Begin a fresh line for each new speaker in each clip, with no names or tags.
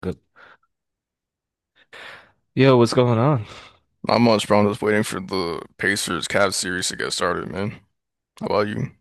Good. Yo, what's going on?
Not much, bro. I'm just waiting for the Pacers Cavs series to get started, man. How about you?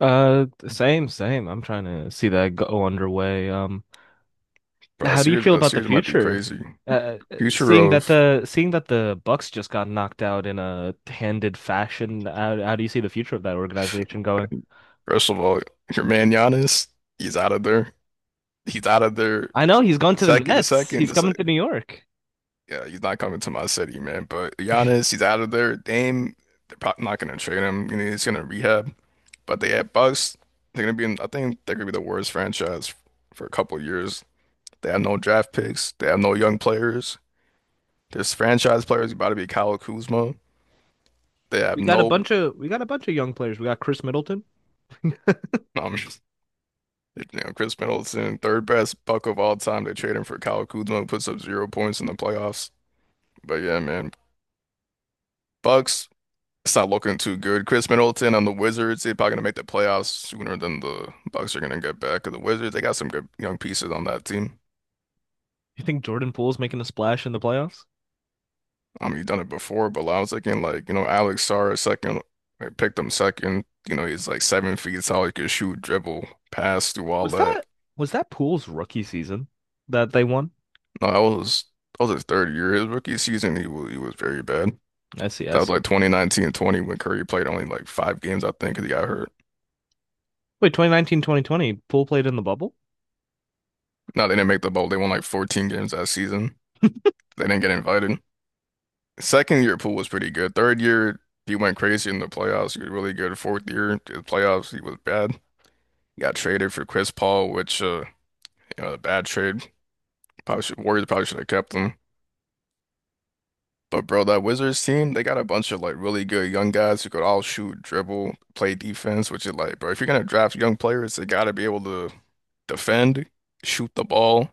Same. I'm trying to see that go underway. Um,
Bro, that
how do you
series,
feel
that
about the
series might be
future?
crazy. Future of,
Seeing that the Bucks just got knocked out in a handed fashion, how do you see the future of that organization going?
first of all, your man Giannis, he's out of there. He's out of there.
I know he's going to the
Second, the
Nets.
second,
He's
the
coming
second.
to New York.
Yeah, he's not coming to my city, man. But Giannis, he's out of there. Dame, they're probably not gonna trade him. You know, he's gonna rehab. But they have Bucks. They're gonna be in, I think they're gonna be the worst franchise for a couple years. They have no draft picks. They have no young players. This franchise player is about to be Kyle Kuzma. They have
We got a
no,
bunch of we got a bunch of young players. We got Chris Middleton.
um, you know, Chris Middleton, third best buck of all time. They trade him for Kyle Kuzma, puts up 0 points in the playoffs. But yeah, man, Bucks, it's not looking too good. Chris Middleton on the Wizards, they're probably gonna make the playoffs sooner than the Bucks are gonna get back. 'Cause the Wizards, they got some good young pieces on that team.
You think Jordan Poole's making a splash in the playoffs?
You've done it before, but I was thinking like, you know, Alex Sarr, second, I picked him second. You know, he's like 7 feet tall. He could shoot, dribble, pass, do all
Was
that.
that was that Poole's rookie season that they won?
No, I was his third year. His rookie season, he was very bad.
I see, I
That was
see.
like 2019 and 20 when Curry played only like five games, I think, 'cause he got hurt.
Wait, 2019, 2020. 2020, Poole played in the bubble?
No, they didn't make the bowl. They won like 14 games that season. They didn't get invited. Second year pool was pretty good. Third year, he went crazy in the playoffs. He was really good. Fourth year, the playoffs, he was bad. He got traded for Chris Paul, which you know, a bad trade. Probably should, Warriors probably should have kept him. But bro, that Wizards team, they got a bunch of like really good young guys who could all shoot, dribble, play defense, which is like, bro, if you're gonna draft young players, they gotta be able to defend, shoot the ball,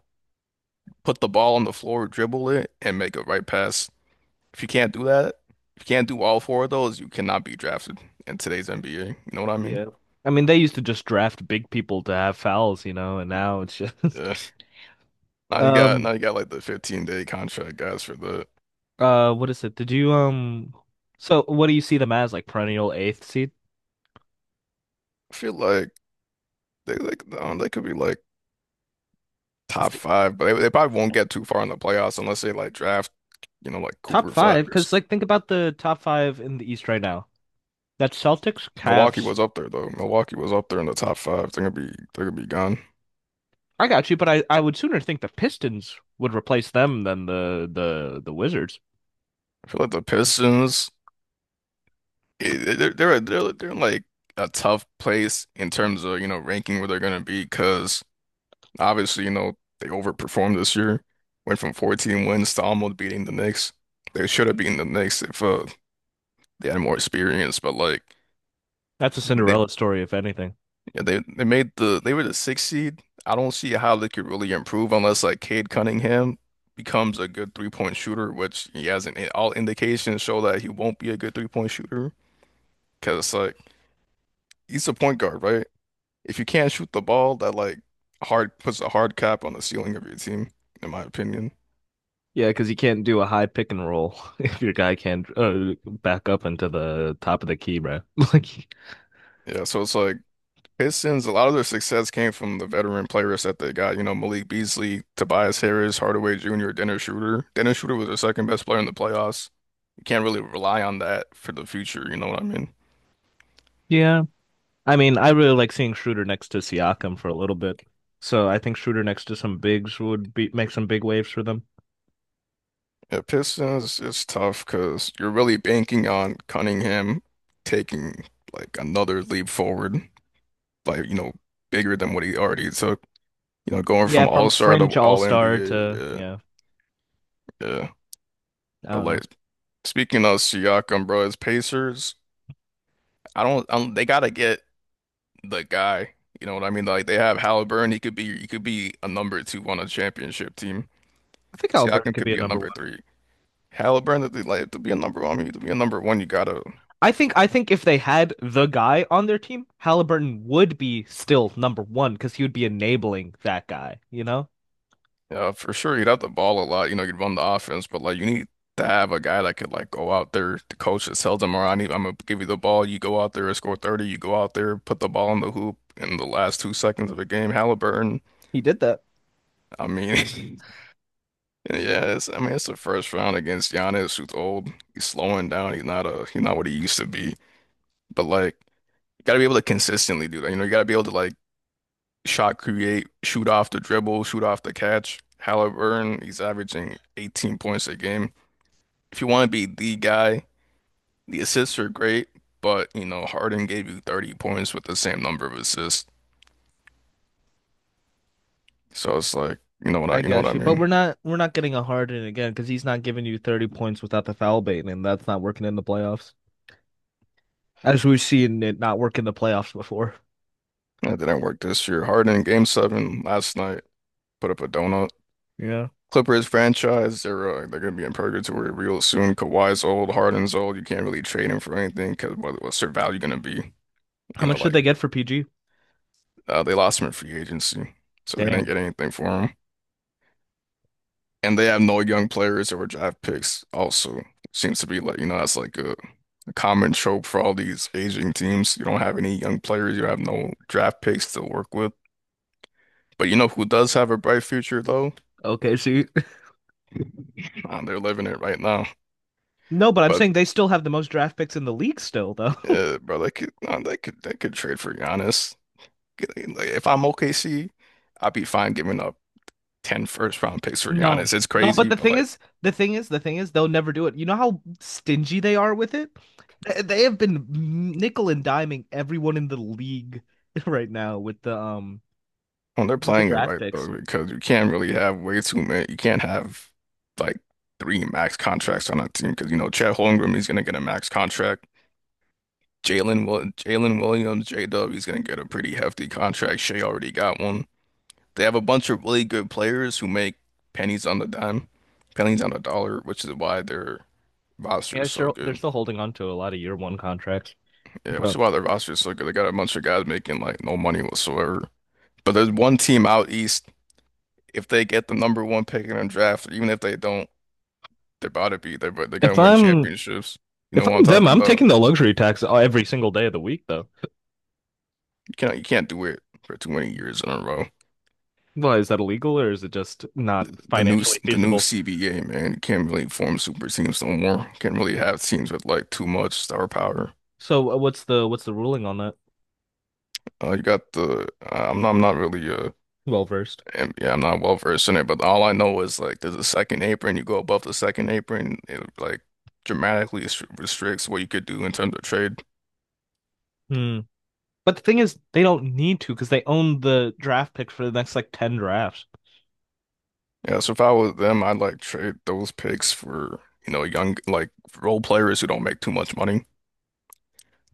put the ball on the floor, dribble it, and make a right pass. If you can't do that, if you can't do all four of those, you cannot be drafted in today's NBA. You know what I mean?
Yeah. I mean, they used to just draft big people to have fouls, you know, and now it's just.
Yeah. Now you got
um
now you got like the 15-day contract guys for the.
what is it? Did you so what do you see them as, like, perennial eighth seed?
I feel like they could be like
It's
top
the
five, but they probably won't get too far in the playoffs unless they like draft, you know, like
top
Cooper Flag
five
or
because,
something.
like, think about the top five in the East right now. That's Celtics,
Milwaukee
Cavs.
was up there though. Milwaukee was up there in the top five. They're gonna be gone.
I got you, but I would sooner think the Pistons would replace them than the Wizards.
I feel like the Pistons, they're in like a tough place in terms of you know ranking where they're gonna be because obviously you know they overperformed this year, went from 14 wins to almost beating the Knicks. They should have beaten the Knicks if they had more experience, but like.
That's a Cinderella story, if anything.
Yeah, they made they were the sixth seed. I don't see how they could really improve unless like Cade Cunningham becomes a good three-point shooter, which he hasn't. All indications show that he won't be a good three-point shooter because like he's a point guard, right? If you can't shoot the ball, that like hard puts a hard cap on the ceiling of your team, in my opinion.
Yeah, because you can't do a high pick and roll if your guy can't back up into the top of the key, bro. Like,
Yeah, so it's like Pistons. A lot of their success came from the veteran players that they got. You know, Malik Beasley, Tobias Harris, Hardaway Jr., Dennis Schroeder. Dennis Schroeder was their second best player in the playoffs. You can't really rely on that for the future, you know what I mean?
yeah. I mean, I really like seeing Schroeder next to Siakam for a little bit. So I think Schroeder next to some bigs would be make some big waves for them.
Yeah, Pistons is tough because you're really banking on Cunningham taking like another leap forward, like, you know, bigger than what he already took. You know, going
Yeah,
from
from
All-Star to
fringe all star to,
All-NBA,
yeah,
yeah, yeah.
I
But
don't
like
know.
speaking of Siakam, bro, it's Pacers. I don't they gotta get the guy. You know what I mean? Like they have Halliburton, he could be a number two on a championship team.
I think Halliburton
Siakam
could
could
be a
be a
number
number
one.
three. Halliburton, that they like to be a number one, I mean, to be a number one, you gotta,
I think if they had the guy on their team, Halliburton would be still number one because he would be enabling that guy. You know,
for sure, you'd have the ball a lot. You know, you'd run the offense, but like you need to have a guy that could like go out there. The coach that tells them. "All right, I need, I'm gonna give you the ball. You go out there and score 30. You go out there, put the ball in the hoop in the last 2 seconds of a game." Halliburton,
he did that.
I mean, yeah, it's, I mean, it's the first round against Giannis, who's old. He's slowing down. He's not what he used to be. But like, you gotta be able to consistently do that. You know, you gotta be able to like shot create, shoot off the dribble, shoot off the catch. Halliburton, he's averaging 18 points a game. If you want to be the guy, the assists are great, but you know, Harden gave you 30 points with the same number of assists. So it's like,
I
you know what I
got you, but
mean?
we're not getting a Harden again because he's not giving you 30 points without the foul bait, and that's not working in the playoffs. As we've seen it not work in the playoffs before.
That didn't work this year. Harden game seven last night put up a donut.
Yeah.
Clippers franchise, they're gonna be in purgatory real soon. Kawhi's old, Harden's old. You can't really trade him for anything because what's their value gonna be? You
How
know,
much did
like.
they get for PG?
They lost him in free agency, so they didn't
Damn.
get anything for him. And they have no young players or draft picks also. Seems to be like, you know, that's like a common trope for all these aging teams. You don't have any young players, you have no draft picks to work with. But you know who does have a bright future though?
Okay, see.
They're living it right now.
No, but I'm
But
saying they still have the most draft picks in the league still though.
bro, they could trade for Giannis. Get- Like, if I'm OKC, I'd be fine giving up 10 first round picks for
No.
Giannis. It's
No, but
crazy,
the
but
thing
like
is, the thing is, the thing is, they'll never do it. You know how stingy they are with it? They have been nickel and diming everyone in the league right now
well, they're
with the
playing it
draft
right though,
picks.
because you can't really have way too many. You can't have like three max contracts on a team because you know Chet Holmgren is gonna get a max contract. Jalen Williams, J-Dub, he's gonna get a pretty hefty contract. Shea already got one. They have a bunch of really good players who make pennies on the dime, pennies on the dollar, which is why their roster
Yeah,
is so
sure. They're
good.
still holding on to a lot of year one contracts.
Yeah, which is
But
why their roster is so good. They got a bunch of guys making like no money whatsoever. But there's one team out east, if they get the number one pick in the draft, even if they don't, they're about to be there, but they're
if
gonna win
I'm
championships. You know
if
what I'm
I'm them,
talking
I'm
about?
taking the luxury tax every single day of the week, though.
You can't do it for too many years in a row.
Why is that illegal, or is it just not financially
The new
feasible?
CBA, man, you can't really form super teams no more. You can't really have teams with like too much star power.
So what's the ruling on that?
You got the uh, I'm not really
Well versed.
and yeah, I'm not well versed in it, but all I know is like there's a second apron. You go above the second apron, it like restricts what you could do in terms of trade.
Hmm. But the thing is, they don't need to because they own the draft pick for the next like ten drafts.
Yeah, so if I was them, I'd like trade those picks for, you know, young like role players who don't make too much money.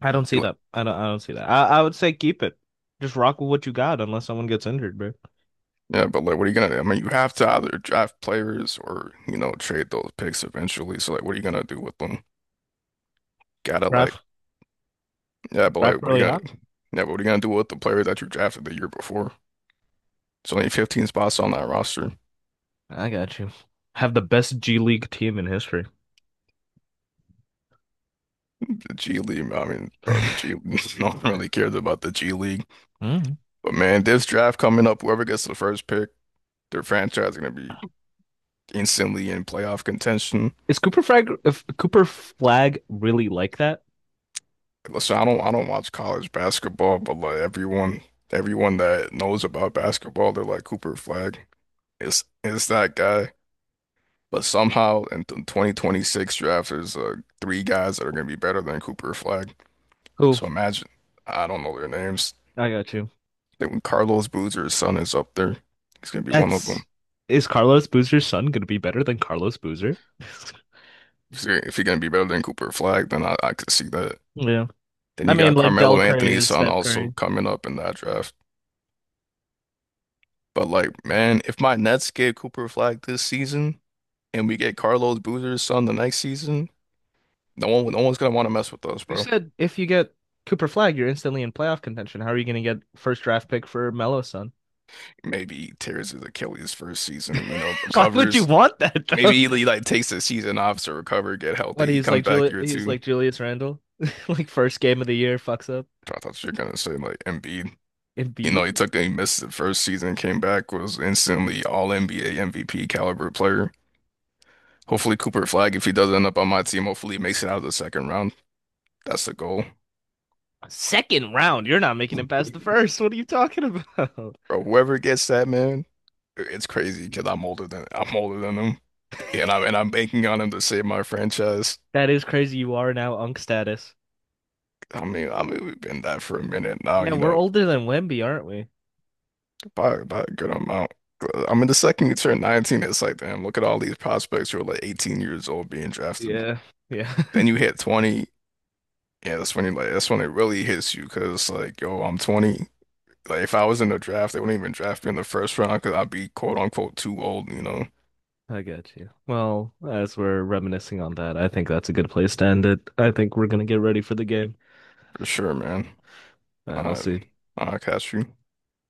I don't
Be
see
like,
that. I don't. I don't see that. I would say keep it. Just rock with what you got, unless someone gets injured, bro.
yeah, but like what are you gonna do? I mean, you have to either draft players or, you know, trade those picks eventually. So like what are you gonna do with them? Gotta like
Draft
yeah, but like
draft
what are you
really
gonna
high.
Yeah, but what are you gonna do with the player that you drafted the year before? It's only 15 spots on that roster.
I got you. Have the best G League team in history.
The G League, I mean, bro, the G no one really cares about the G League.
Mm.
But man, this draft coming up, whoever gets the first pick, their franchise is gonna be instantly in playoff contention.
Is Cooper Flag, if Cooper Flag really like that?
Listen, I don't watch college basketball, but like everyone that knows about basketball, they're like Cooper Flag. It's that guy. But somehow in the 2026 draft, there's three guys that are going to be better than Cooper Flag.
Who?
So imagine, I don't know their names.
I got you.
I think Carlos Boozer's son is up there. He's going to be one of
That's,
them.
is Carlos Boozer's son gonna be better than Carlos Boozer?
If he's going to be better than Cooper Flag, then I could see that.
Yeah.
Then
I
you
mean,
got
like Del
Carmelo
Curry
Anthony's
is
son
Steph
also
Curry.
coming up in that draft. But like, man, if my Nets get Cooper Flag this season and we get Carlos Boozer's son the next season, no one's gonna want to mess with us,
You
bro.
said if you get Cooper Flag, you're instantly in playoff contention. How are you gonna get first draft pick for Melo's son?
Maybe he tears his Achilles first season, you know,
Why would you
recovers.
want that though?
Maybe he like takes the season off to recover, get
What,
healthy. He
he's
comes
like
back year
He's
two.
like Julius Randle. Like first game of the year fucks up.
I thought you were gonna say like Embiid. You
Embiid?
know, he missed the first season, came back, was instantly all NBA MVP caliber player. Hopefully Cooper Flag, if he does end up on my team, hopefully he makes it out of the second round. That's the goal.
Second round. You're not making it past the first. What are you talking about?
Bro, whoever gets that man, it's crazy because I'm older than him, and I'm banking on him to save my franchise.
That is crazy. You are now Unk status.
I mean we've been that for a minute now,
Yeah,
you
we're
know,
older than Wemby, aren't we?
by a good amount. I mean, the second you turn 19, it's like, damn, look at all these prospects who are like 18 years old being drafted.
Yeah, yeah.
Then you hit 20, yeah, that's when you like that's when it really hits you because like, yo, I'm 20. Like if I was in the draft, they wouldn't even draft me in the first round because I'd be quote unquote too old, you know,
I got you. Well, as we're reminiscing on that, I think that's a good place to end it. I think we're gonna get ready for the game.
for sure, man.
All right, I'll
I
see.
I catch you.